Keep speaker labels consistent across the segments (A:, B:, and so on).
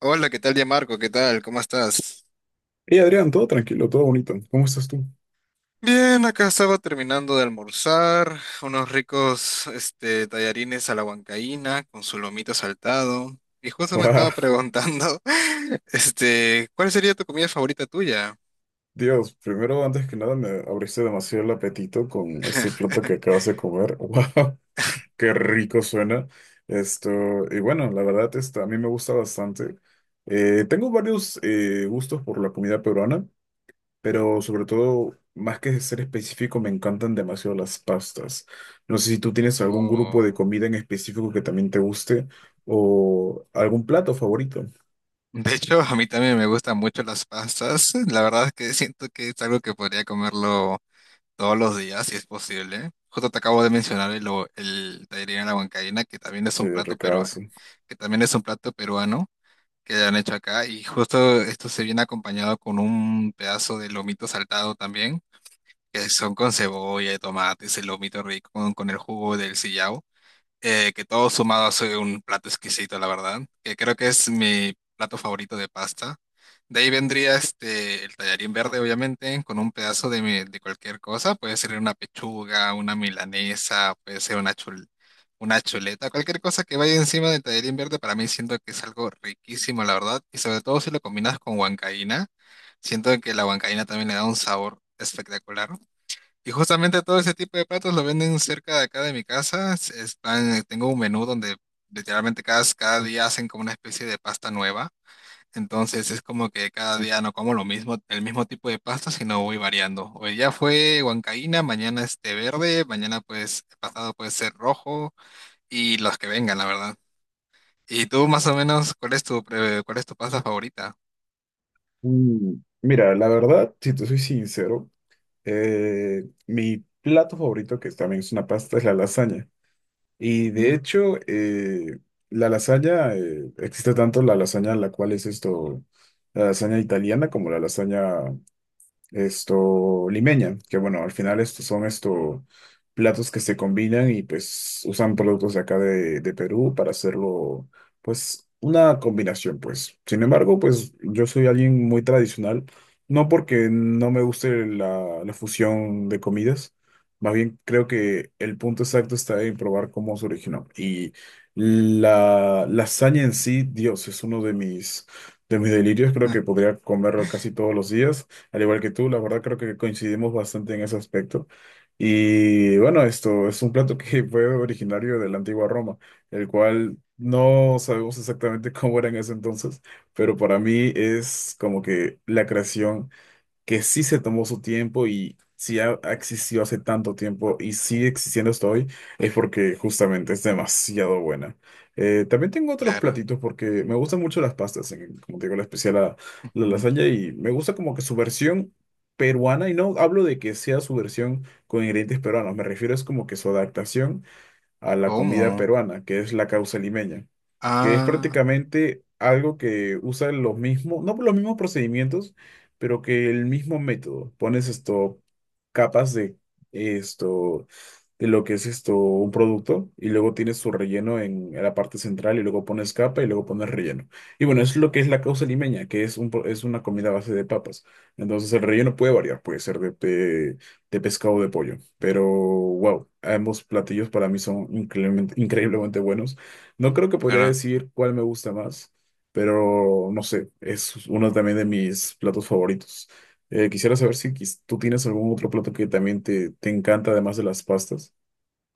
A: Hola, ¿qué tal, ya Marco? ¿Qué tal? ¿Cómo estás?
B: Hey Adrián, todo tranquilo, todo bonito. ¿Cómo estás tú?
A: Bien, acá estaba terminando de almorzar, unos ricos tallarines a la huancaína con su lomito saltado. Y justo me
B: Guau,
A: estaba preguntando, ¿cuál sería tu comida favorita tuya?
B: Dios, primero, antes que nada, me abriste demasiado el apetito con ese plato que acabas de comer. ¡Wow! ¡Qué rico suena! Esto, y bueno, la verdad, a mí me gusta bastante. Tengo varios gustos por la comida peruana, pero sobre todo, más que ser específico, me encantan demasiado las pastas. No sé si tú tienes algún grupo de
A: Oh,
B: comida en específico que también te guste o algún plato favorito.
A: de hecho, a mí también me gustan mucho las pastas. La verdad es que siento que es algo que podría comerlo todos los días, si es posible. Justo te acabo de mencionar el tallarín a la huancaína, que también es
B: Sí,
A: un
B: ricazo.
A: que también es un plato peruano, que han hecho acá y justo esto se viene acompañado con un pedazo de lomito saltado también, que son con cebolla y tomate, ese lomito rico con el jugo del sillao, que todo sumado hace un plato exquisito, la verdad, que creo que es mi plato favorito de pasta. De ahí vendría el tallarín verde, obviamente, con un pedazo de cualquier cosa. Puede ser una pechuga, una milanesa, puede ser una chuleta, cualquier cosa que vaya encima del tallarín verde, para mí siento que es algo riquísimo, la verdad. Y sobre todo si lo combinas con huancaína, siento que la huancaína también le da un sabor espectacular. Y justamente todo ese tipo de platos lo venden cerca de acá de mi casa. Tengo un menú donde literalmente cada día hacen como una especie de pasta nueva. Entonces es como que cada día no como lo mismo, el mismo tipo de pasta, sino voy variando. Hoy ya fue huancaína, mañana este verde, mañana pues pasado puede ser rojo y los que vengan, la verdad. Y tú más o menos, ¿cuál es cuál es tu pasta favorita?
B: Mm, Mira, la verdad, si te soy sincero, mi plato favorito, que también es una pasta, es la lasaña. Y de
A: Ujú.
B: hecho, la lasaña, existe tanto la lasaña, la cual es la lasaña italiana, como la lasaña limeña, que bueno, al final estos son estos platos que se combinan y pues usan productos de acá de Perú para hacerlo, pues una combinación, pues. Sin embargo, pues yo soy alguien muy tradicional, no porque no me guste la fusión de comidas, más bien creo que el punto exacto está en probar cómo se originó. Y la lasaña en sí, Dios, es de mis delirios, creo que podría comerlo casi todos los días. Al igual que tú, la verdad creo que coincidimos bastante en ese aspecto. Y bueno, esto es un plato que fue originario de la antigua Roma, el cual no sabemos exactamente cómo era en ese entonces, pero para mí es como que la creación que sí se tomó su tiempo y sí ha existido hace tanto tiempo y sigue existiendo hasta hoy, es porque justamente es demasiado buena. También tengo otros
A: Claro.
B: platitos porque me gustan mucho las pastas, como te digo, la especial la
A: Ujú.
B: lasaña, y me gusta como que su versión peruana, y no hablo de que sea su versión con ingredientes peruanos, me refiero es como que su adaptación a la comida
A: ¿Cómo?
B: peruana, que es la causa limeña, que es
A: Ah,
B: prácticamente algo que usa los mismos, no por los mismos procedimientos, pero que el mismo método. Pones capas esto, de lo que es un producto, y luego tienes su relleno en la parte central, y luego pones capa y luego pones relleno. Y bueno, es lo que es la causa limeña, que es, es una comida a base de papas. Entonces el relleno puede variar, puede ser de pescado o de pollo, pero wow, ambos platillos para mí son increíblemente increíblemente buenos. No creo que podría
A: claro.
B: decir cuál me gusta más, pero no sé, es uno también de mis platos favoritos. Quisiera saber si quis- tú tienes algún otro plato que también te encanta, además de las pastas.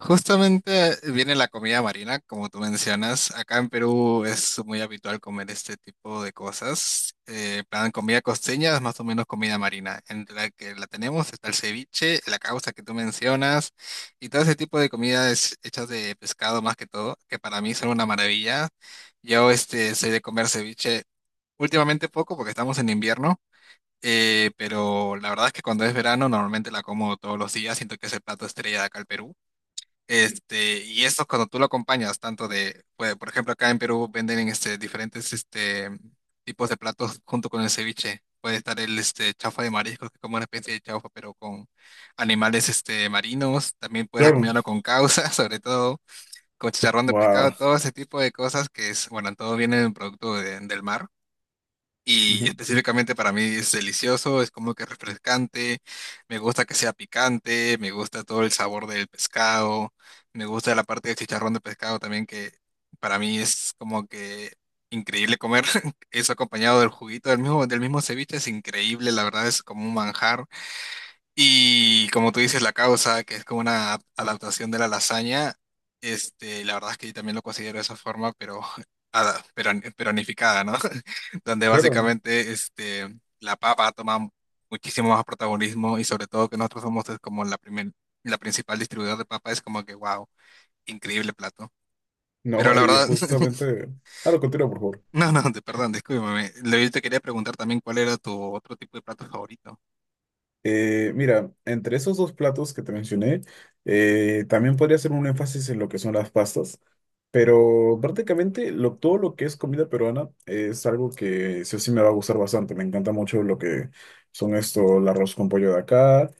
A: Justamente viene la comida marina, como tú mencionas. Acá en Perú es muy habitual comer este tipo de cosas. Plan comida costeña es más o menos comida marina. Entre la que la tenemos está el ceviche, la causa que tú mencionas, y todo ese tipo de comidas hechas de pescado más que todo, que para mí son una maravilla. Yo soy de comer ceviche últimamente poco porque estamos en invierno. Pero la verdad es que cuando es verano normalmente la como todos los días, siento que es el plato estrella de acá al Perú. Y esto cuando tú lo acompañas, tanto de, pues, por ejemplo, acá en Perú venden diferentes tipos de platos junto con el ceviche. Puede estar el chaufa de mariscos, que es como una especie de chaufa, pero con animales marinos. También puedes
B: Claro,
A: acompañarlo con causa, sobre todo con chicharrón de pescado,
B: wow.
A: todo ese tipo de cosas que es, bueno, todo viene del del mar. Y
B: Ujú.
A: específicamente para mí es delicioso, es como que refrescante, me gusta que sea picante, me gusta todo el sabor del pescado, me gusta la parte del chicharrón de pescado también que para mí es como que increíble comer eso acompañado del juguito del mismo ceviche, es increíble, la verdad es como un manjar. Y como tú dices, la causa, que es como una adaptación de la lasaña, la verdad es que yo también lo considero de esa forma, pero, pero peronificada, ¿no? Donde
B: Claro.
A: básicamente la papa toma muchísimo más protagonismo y sobre todo que nosotros somos es como la primer, la principal distribuidora de papa, es como que, wow, increíble plato. Pero
B: No,
A: la verdad,
B: Ah, lo continúo, por favor.
A: no, no, de- perdón, discúlpame. Yo te quería preguntar también cuál era tu otro tipo de plato favorito.
B: Mira, entre esos dos platos que te mencioné, también podría hacer un énfasis en lo que son las pastas, pero prácticamente todo lo que es comida peruana es algo que sí o sí me va a gustar bastante. Me encanta mucho lo que son el arroz con pollo de acá,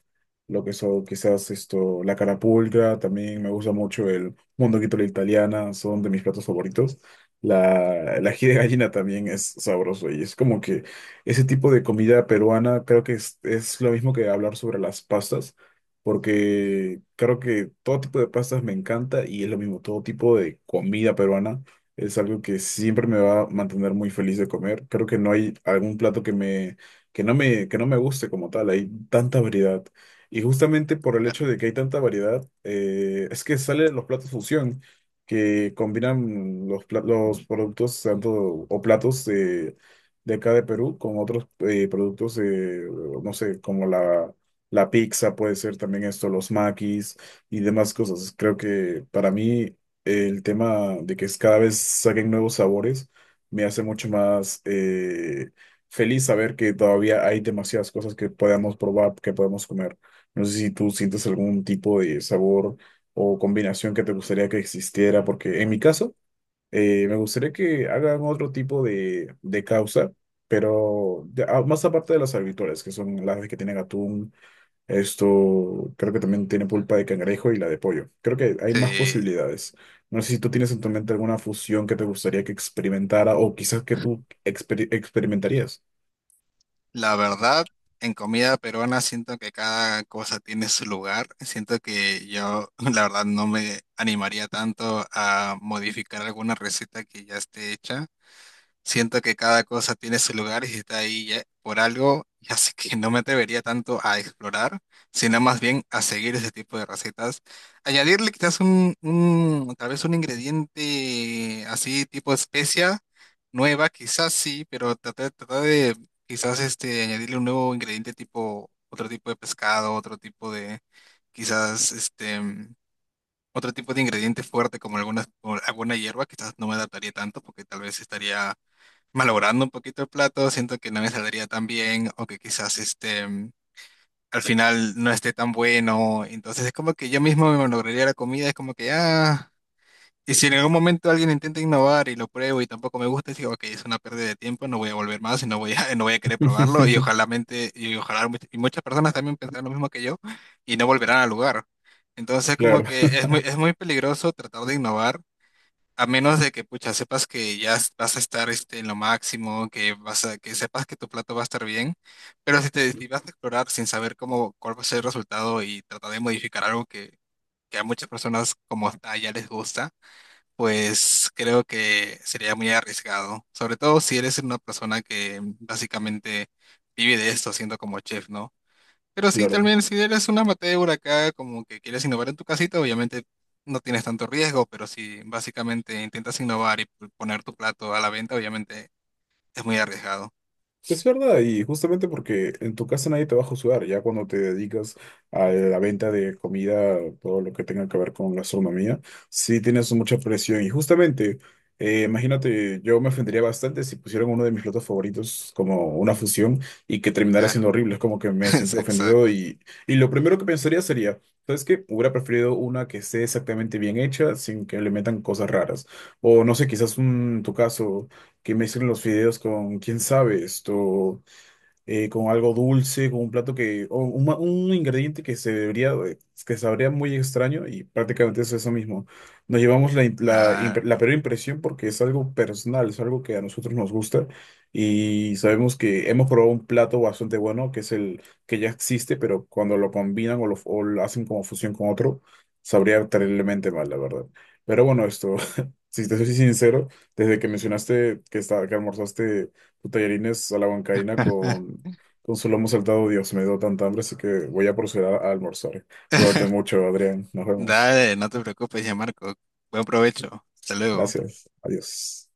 B: lo que son quizás la carapulcra. También me gusta mucho el mondonguito a la italiana, son de mis platos favoritos. El ají de gallina también es sabroso, y es como que ese tipo de comida peruana creo que es lo mismo que hablar sobre las pastas, porque creo que todo tipo de pastas me encanta, y es lo mismo, todo tipo de comida peruana es algo que siempre me va a mantener muy feliz de comer. Creo que no hay algún plato que me, que no me, que no me guste como tal, hay tanta variedad. Y justamente por el hecho
A: Claro.
B: de que hay tanta variedad, es que salen los platos fusión, que combinan los productos tanto, o platos de acá de Perú con otros productos, no sé, como la pizza, puede ser también los maquis y demás cosas. Creo que para mí el tema de que es cada vez saquen nuevos sabores me hace mucho más feliz saber que todavía hay demasiadas cosas que podamos probar, que podemos comer. No sé si tú sientes algún tipo de sabor o combinación que te gustaría que existiera, porque en mi caso, me gustaría que hagan otro tipo de causa, pero más aparte de las habituales, que son las que tienen atún, esto creo que también tiene pulpa de cangrejo y la de pollo. Creo que hay más
A: Sí.
B: posibilidades. No sé si tú tienes en tu mente alguna fusión que te gustaría que experimentara, o quizás que tú experimentarías.
A: La verdad, en comida peruana siento que cada cosa tiene su lugar. Siento que yo, la verdad, no me animaría tanto a modificar alguna receta que ya esté hecha. Siento que cada cosa tiene su lugar y si está por algo, y así que no me atrevería tanto a explorar, sino más bien a seguir ese tipo de recetas. Añadirle quizás un tal vez un ingrediente así tipo especia nueva, quizás sí, pero tratar de quizás añadirle un nuevo ingrediente tipo otro tipo de pescado, otro tipo de quizás otro tipo de ingrediente fuerte como alguna hierba, quizás no me adaptaría tanto porque tal vez estaría malogrando un poquito el plato, siento que no me saldría tan bien o que quizás al final no esté tan bueno. Entonces es como que yo mismo me malograría la comida, es como que ah, y si en algún momento alguien intenta innovar y lo pruebo y tampoco me gusta, digo, ok, es una pérdida de tiempo, no voy a volver más y no voy no voy a querer probarlo y ojalá muchas personas también pensarán lo mismo que yo y no volverán al lugar. Entonces como
B: Claro,
A: que es es muy peligroso tratar de innovar a menos de que, pucha, sepas que vas a estar en lo máximo, que que sepas que tu plato va a estar bien, pero si vas a explorar sin saber cómo, cuál va a ser el resultado y tratar de modificar algo que a muchas personas como está ya les gusta, pues creo que sería muy arriesgado, sobre todo si eres una persona que básicamente vive de esto siendo como chef, ¿no? Pero sí,
B: claro.
A: también si eres un amateur acá, como que quieres innovar en tu casita, obviamente no tienes tanto riesgo, pero si básicamente intentas innovar y poner tu plato a la venta, obviamente es muy arriesgado.
B: Es verdad, y justamente porque en tu casa nadie te va a juzgar, ya cuando te dedicas a la venta de comida, todo lo que tenga que ver con gastronomía, sí tienes mucha presión. Y justamente, imagínate, yo me ofendería bastante si pusieran uno de mis platos favoritos como una fusión y que terminara
A: Claro,
B: siendo horrible. Es como que me
A: es
B: siento ofendido,
A: exacto.
B: y lo primero que pensaría sería, ¿sabes qué? Hubiera preferido una que esté exactamente bien hecha, sin que le metan cosas raras. O no sé, quizás en tu caso que mezclen los fideos con, quién sabe, con algo dulce, con un plato que, o un, ma- un ingrediente que se debería, que sabría muy extraño, y prácticamente es eso mismo. Nos llevamos la
A: Claro.
B: peor impresión porque es algo personal, es algo que a nosotros nos gusta y sabemos que hemos probado un plato bastante bueno, que es el que ya existe, pero cuando lo combinan o lo hacen como fusión con otro, sabría terriblemente mal, la verdad. Pero bueno, si te soy sincero, desde que mencionaste que almorzaste tallarines a la huancaína con, su lomo saltado. Dios, me dio tanta hambre, así que voy a proceder a almorzar. Cuídate mucho, Adrián. Nos vemos.
A: Dale, no te preocupes ya, Marco. Buen provecho. Hasta luego.
B: Gracias. Adiós.